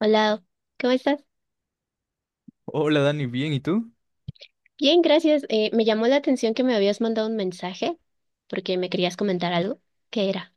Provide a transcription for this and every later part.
Hola, ¿cómo estás? Hola Dani, bien, ¿y tú? Bien, gracias. Me llamó la atención que me habías mandado un mensaje porque me querías comentar algo. ¿Qué era?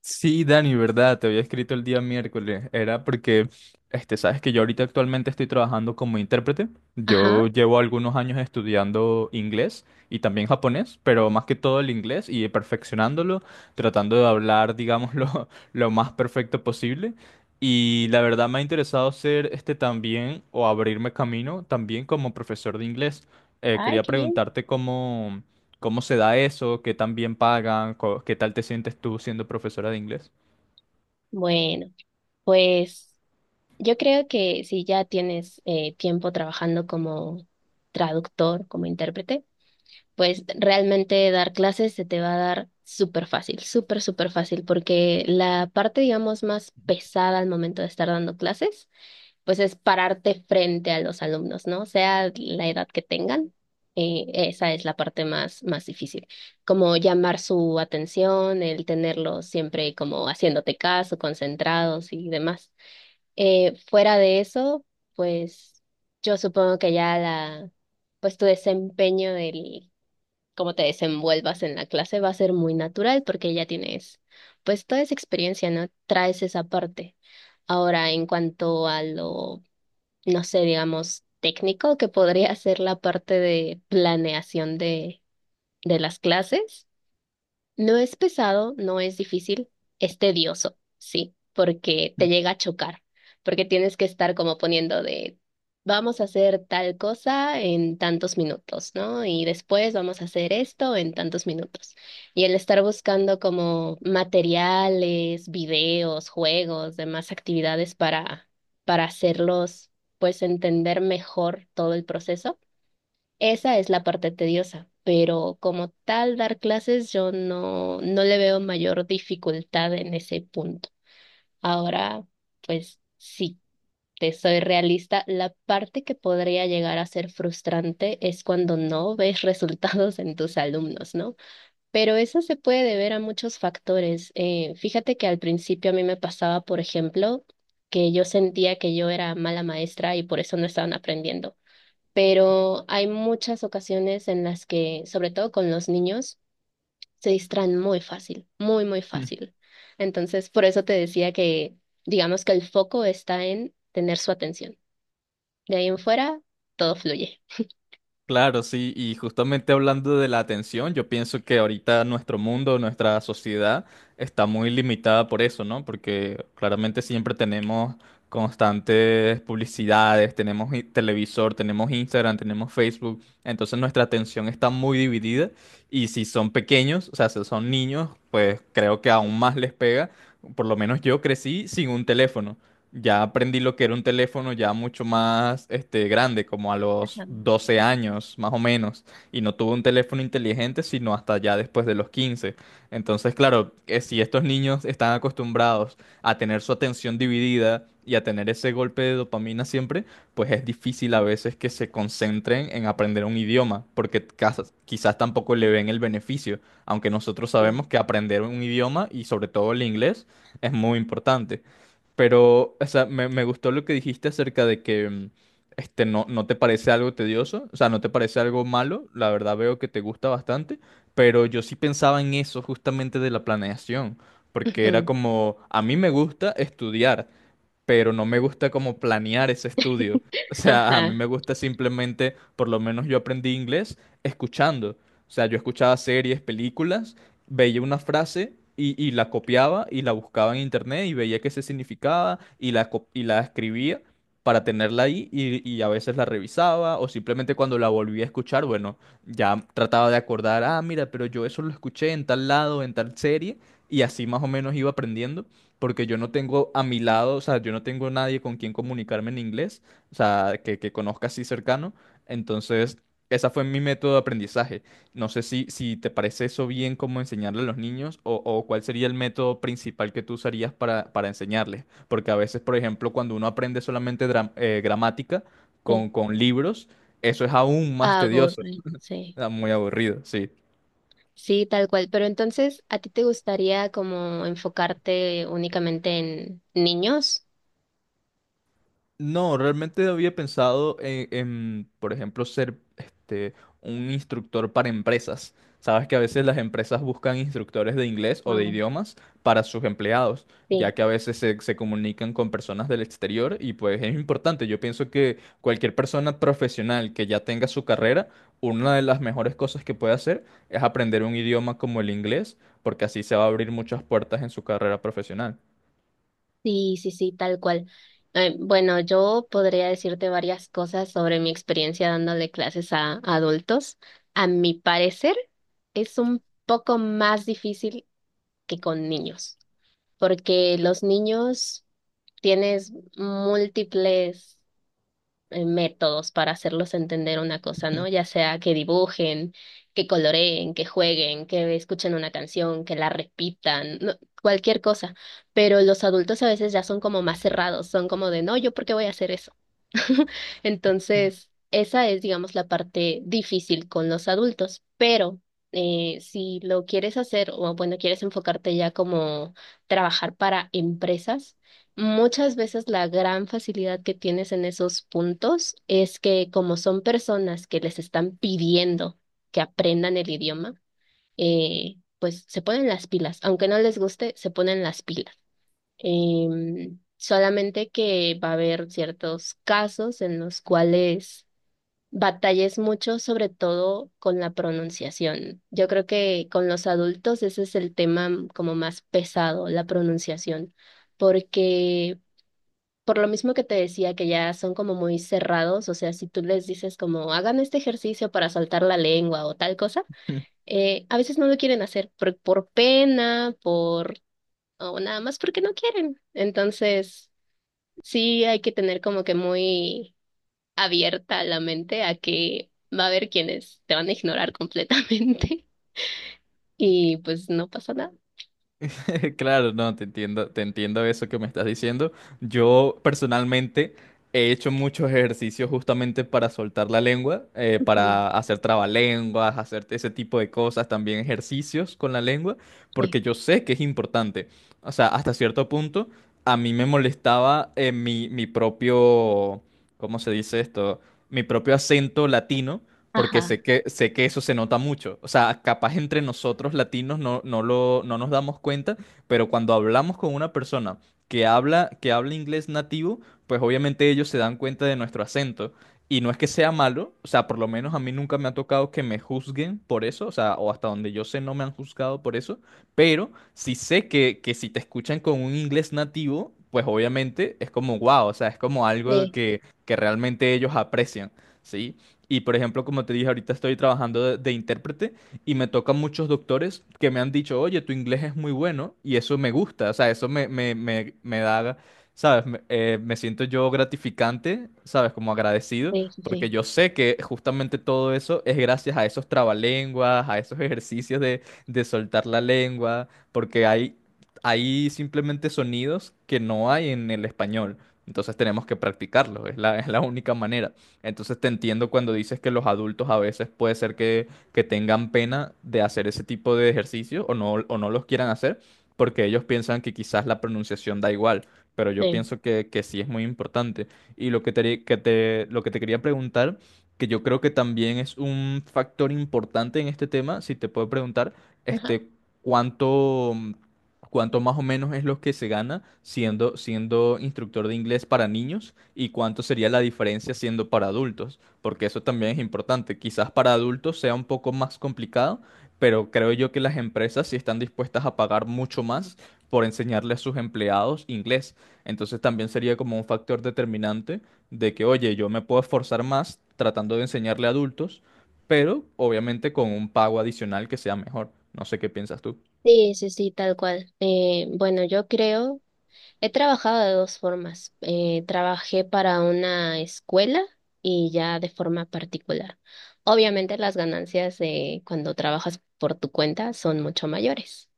Sí, Dani, verdad, te había escrito el día miércoles. Era porque, sabes que yo ahorita actualmente estoy trabajando como intérprete. Ajá. Yo llevo algunos años estudiando inglés y también japonés, pero más que todo el inglés y perfeccionándolo, tratando de hablar, digamos, lo más perfecto posible. Y la verdad me ha interesado ser también o abrirme camino también como profesor de inglés. Ay, Quería qué bien. preguntarte. ¿Cómo se da eso? ¿Qué tan bien pagan? ¿Qué tal te sientes tú siendo profesora de inglés? Bueno, pues yo creo que si ya tienes tiempo trabajando como traductor, como intérprete, pues realmente dar clases se te va a dar súper fácil, súper, súper fácil, porque la parte, digamos, más pesada al momento de estar dando clases pues es pararte frente a los alumnos, ¿no? Sea la edad que tengan, esa es la parte más, más difícil. Como llamar su atención, el tenerlos siempre como haciéndote caso, concentrados y demás. Fuera de eso, pues yo supongo que ya pues tu desempeño del cómo te desenvuelvas en la clase va a ser muy natural porque ya tienes, pues toda esa experiencia, ¿no? Traes esa parte. Ahora, en cuanto a lo no sé, digamos, técnico, que podría ser la parte de planeación de las clases. No es pesado, no es difícil, es tedioso, sí, porque te llega a chocar, porque tienes que estar como poniendo de, vamos a hacer tal cosa en tantos minutos, ¿no? Y después vamos a hacer esto en tantos minutos. Y el estar buscando como materiales, videos, juegos, demás actividades para hacerlos, pues entender mejor todo el proceso esa es la parte tediosa, pero como tal dar clases yo no le veo mayor dificultad en ese punto. Ahora, pues sí, te soy realista, la parte que podría llegar a ser frustrante es cuando no ves resultados en tus alumnos, ¿no? Pero eso se puede deber a muchos factores. Fíjate que al principio a mí me pasaba, por ejemplo, que yo sentía que yo era mala maestra y por eso no estaban aprendiendo pero hay muchas ocasiones en las que, sobre todo con los niños, se distraen muy fácil, muy, muy Mm, fácil. Entonces, por eso te decía que, digamos que el foco está en tener su atención. De ahí en fuera, todo fluye. claro, sí, y justamente hablando de la atención, yo pienso que ahorita nuestro mundo, nuestra sociedad está muy limitada por eso, ¿no? Porque claramente siempre tenemos constantes publicidades, tenemos televisor, tenemos Instagram, tenemos Facebook, entonces nuestra atención está muy dividida y si son pequeños, o sea, si son niños, pues creo que aún más les pega. Por lo menos yo crecí sin un teléfono. Ya aprendí lo que era un teléfono ya mucho más grande, como a los 12 años más o menos, y no tuve un teléfono inteligente sino hasta ya después de los 15. Entonces, claro, que si estos niños están acostumbrados a tener su atención dividida y a tener ese golpe de dopamina siempre, pues es difícil a veces que se concentren en aprender un idioma, porque quizás tampoco le ven el beneficio, aunque nosotros Sí. sabemos que aprender un idioma y sobre todo el inglés es muy importante. Pero, o sea, me gustó lo que dijiste acerca de que no, no te parece algo tedioso, o sea, no te parece algo malo, la verdad veo que te gusta bastante, pero yo sí pensaba en eso justamente de la planeación, porque era Ujú. como, a mí me gusta estudiar, pero no me gusta como planear ese estudio. O sea, a mí Ajá, me gusta simplemente, por lo menos yo aprendí inglés escuchando. O sea, yo escuchaba series, películas, veía una frase y la copiaba y la buscaba en internet y veía qué se significaba y y la escribía para tenerla ahí y a veces la revisaba o simplemente cuando la volví a escuchar, bueno, ya trataba de acordar, ah, mira, pero yo eso lo escuché en tal lado, en tal serie y así más o menos iba aprendiendo porque yo no tengo a mi lado, o sea, yo no tengo nadie con quien comunicarme en inglés, o sea, que conozca así cercano. Entonces, esa fue mi método de aprendizaje. No sé si te parece eso bien como enseñarle a los niños o cuál sería el método principal que tú usarías para enseñarles. Porque a veces, por ejemplo, cuando uno aprende solamente gramática sí. con libros, eso es aún más tedioso, Aburre, sí. ah, muy aburrido, sí. Sí, tal cual. Pero entonces, ¿a ti te gustaría como enfocarte únicamente en niños? No, realmente había pensado en, por ejemplo, ser un instructor para empresas. Sabes que a veces las empresas buscan instructores de inglés o de Ah, idiomas para sus empleados, ya sí. que a veces se comunican con personas del exterior y pues es importante. Yo pienso que cualquier persona profesional que ya tenga su carrera, una de las mejores cosas que puede hacer es aprender un idioma como el inglés, porque así se va a abrir muchas puertas en su carrera profesional. Sí, sí, sí, tal cual. Bueno, yo podría decirte varias cosas sobre mi experiencia dándole clases a adultos. A mi parecer, es un poco más difícil que con niños, porque los niños tienes múltiples métodos para hacerlos entender una cosa, ¿no? Ya sea que dibujen, que coloreen, que jueguen, que escuchen una canción, que la repitan, no, cualquier cosa. Pero los adultos a veces ya son como más cerrados, son como de, no, ¿yo por qué voy a hacer eso? Entonces, esa es, digamos, la parte difícil con los adultos, pero si lo quieres hacer o, bueno, quieres enfocarte ya como trabajar para empresas, muchas veces la gran facilidad que tienes en esos puntos es que como son personas que les están pidiendo que aprendan el idioma, pues se ponen las pilas, aunque no les guste, se ponen las pilas. Solamente que va a haber ciertos casos en los cuales batalles mucho, sobre todo con la pronunciación. Yo creo que con los adultos ese es el tema como más pesado, la pronunciación, porque por lo mismo que te decía que ya son como muy cerrados, o sea, si tú les dices como hagan este ejercicio para soltar la lengua o tal cosa, a veces no lo quieren hacer por, pena, por o nada más porque no quieren. Entonces, sí, hay que tener como que muy abierta la mente a que va a haber quienes te van a ignorar completamente y pues no pasa nada. Claro, no, te entiendo eso que me estás diciendo. Yo personalmente he hecho muchos ejercicios justamente para soltar la lengua, Ujú. para hacer trabalenguas, hacer ese tipo de cosas, también ejercicios con la lengua, Sí, porque yo sé que es importante. O sea, hasta cierto punto a mí me molestaba mi propio, ¿cómo se dice esto? Mi propio acento latino porque ajá, sé que eso se nota mucho. O sea, capaz entre nosotros latinos no, no lo, no nos damos cuenta, pero cuando hablamos con una persona que habla inglés nativo, pues obviamente ellos se dan cuenta de nuestro acento. Y no es que sea malo, o sea, por lo menos a mí nunca me ha tocado que me juzguen por eso, o sea, o hasta donde yo sé no me han juzgado por eso, pero sí sé que si te escuchan con un inglés nativo, pues obviamente es como wow, o sea, es como algo sí, que realmente ellos aprecian, ¿sí? Y por ejemplo, como te dije, ahorita estoy trabajando de intérprete y me tocan muchos doctores que me han dicho, oye, tu inglés es muy bueno y eso me gusta, o sea, eso me da, ¿sabes? Me siento yo gratificante, ¿sabes? Como agradecido, sí, sí, porque sí, yo sé que justamente todo eso es gracias a esos trabalenguas, a esos ejercicios de soltar la lengua, porque hay simplemente sonidos que no hay en el español. Entonces tenemos que practicarlo, es la única manera. Entonces te entiendo cuando dices que los adultos a veces puede ser que tengan pena de hacer ese tipo de ejercicio o no los quieran hacer, porque ellos piensan que quizás la pronunciación da igual, pero yo sí, pienso que sí es muy importante. Y lo que te quería preguntar, que yo creo que también es un factor importante en este tema, si te puedo preguntar, ajá. este, ¿cuánto, cuánto más o menos es lo que se gana siendo instructor de inglés para niños y cuánto sería la diferencia siendo para adultos? Porque eso también es importante. Quizás para adultos sea un poco más complicado, pero creo yo que las empresas sí están dispuestas a pagar mucho más por enseñarle a sus empleados inglés. Entonces también sería como un factor determinante de que, oye, yo me puedo esforzar más tratando de enseñarle a adultos, pero obviamente con un pago adicional que sea mejor. No sé qué piensas tú. Sí, sí, sí, tal cual. Bueno, yo creo, he trabajado de dos formas. Trabajé para una escuela y ya de forma particular. Obviamente las ganancias de cuando trabajas por tu cuenta son mucho mayores.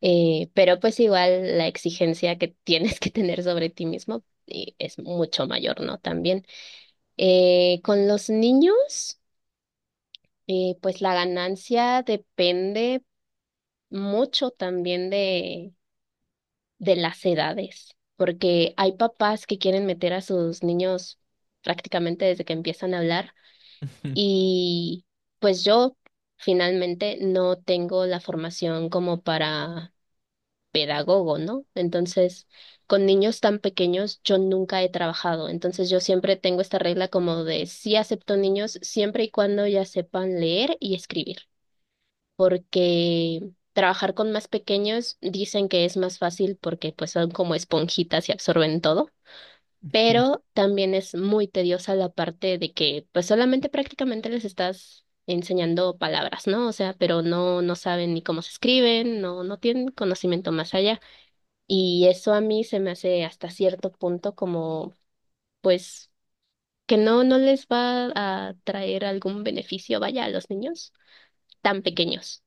Pero pues igual la exigencia que tienes que tener sobre ti mismo es mucho mayor, ¿no? También. Con los niños, pues la ganancia depende mucho también de las edades, porque hay papás que quieren meter a sus niños prácticamente desde que empiezan a hablar y pues yo finalmente no tengo la formación como para pedagogo, ¿no? Entonces, con niños tan pequeños yo nunca he trabajado, entonces yo siempre tengo esta regla como de sí acepto niños siempre y cuando ya sepan leer y escribir, porque trabajar con más pequeños dicen que es más fácil porque pues son como esponjitas y absorben todo. Pero también es muy tediosa la parte de que pues solamente prácticamente les estás enseñando palabras, ¿no? O sea, pero no saben ni cómo se escriben, no tienen conocimiento más allá. Y eso a mí se me hace hasta cierto punto como, pues, que no les va a traer algún beneficio, vaya, a los niños tan pequeños.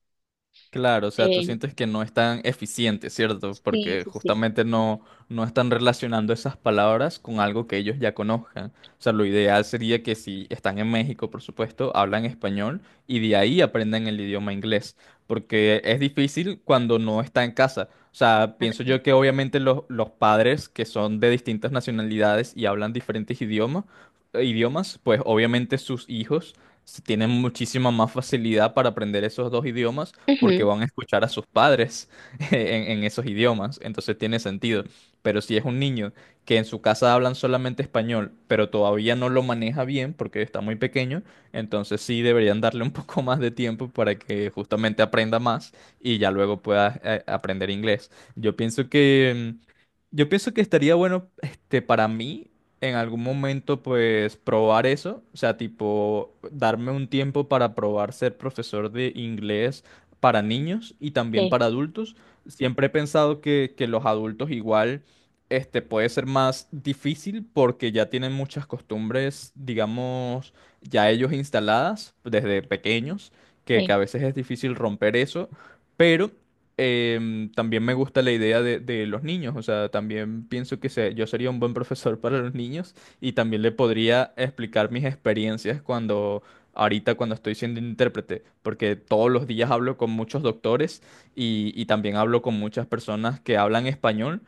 Claro, o sea, tú Eh, sientes que no es tan eficiente, ¿cierto? sí, Porque sí, sí. justamente no, no están relacionando esas palabras con algo que ellos ya conozcan. O sea, lo ideal sería que si están en México, por supuesto, hablan español y de ahí aprendan el idioma inglés. Porque es difícil cuando no está en casa. O sea, pienso yo que obviamente los padres que son de distintas nacionalidades y hablan diferentes idiomas, pues obviamente sus hijos tienen muchísima más facilidad para aprender esos dos idiomas porque Ujú, van a escuchar a sus padres en esos idiomas, entonces tiene sentido. Pero si es un niño que en su casa hablan solamente español, pero todavía no lo maneja bien porque está muy pequeño, entonces sí deberían darle un poco más de tiempo para que justamente aprenda más y ya luego pueda aprender inglés. Yo pienso que estaría bueno, para mí en algún momento pues probar eso, o sea, tipo darme un tiempo para probar ser profesor de inglés para niños y también sí, para adultos. Siempre he pensado que los adultos igual puede ser más difícil porque ya tienen muchas costumbres, digamos, ya ellos instaladas desde pequeños, que sí, a veces es difícil romper eso, pero también me gusta la idea de los niños, o sea, también pienso que yo sería un buen profesor para los niños y también le podría explicar mis experiencias cuando ahorita cuando estoy siendo intérprete, porque todos los días hablo con muchos doctores y también hablo con muchas personas que hablan español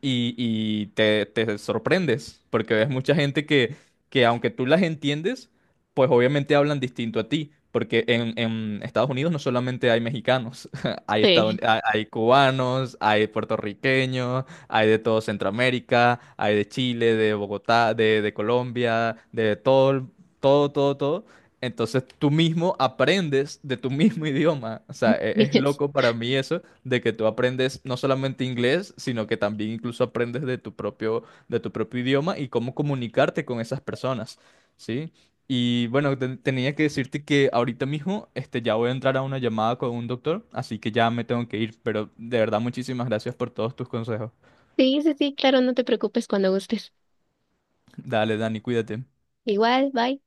y te sorprendes, porque ves mucha gente que aunque tú las entiendes, pues obviamente hablan distinto a ti. Porque en Estados Unidos no solamente hay mexicanos, hay, estadoun- sí. hay hay cubanos, hay puertorriqueños, hay de todo Centroamérica, hay de Chile, de Bogotá, de Colombia, de todo, todo, todo, todo. Entonces tú mismo aprendes de tu mismo idioma. O sea, es loco para mí eso de que tú aprendes no solamente inglés, sino que también incluso aprendes de tu propio idioma y cómo comunicarte con esas personas, ¿sí? Y bueno, tenía que decirte que ahorita mismo ya voy a entrar a una llamada con un doctor, así que ya me tengo que ir, pero de verdad muchísimas gracias por todos tus consejos. Sí, sí, sí, claro, no te preocupes cuando gustes. Dale, Dani, cuídate. Igual, bye.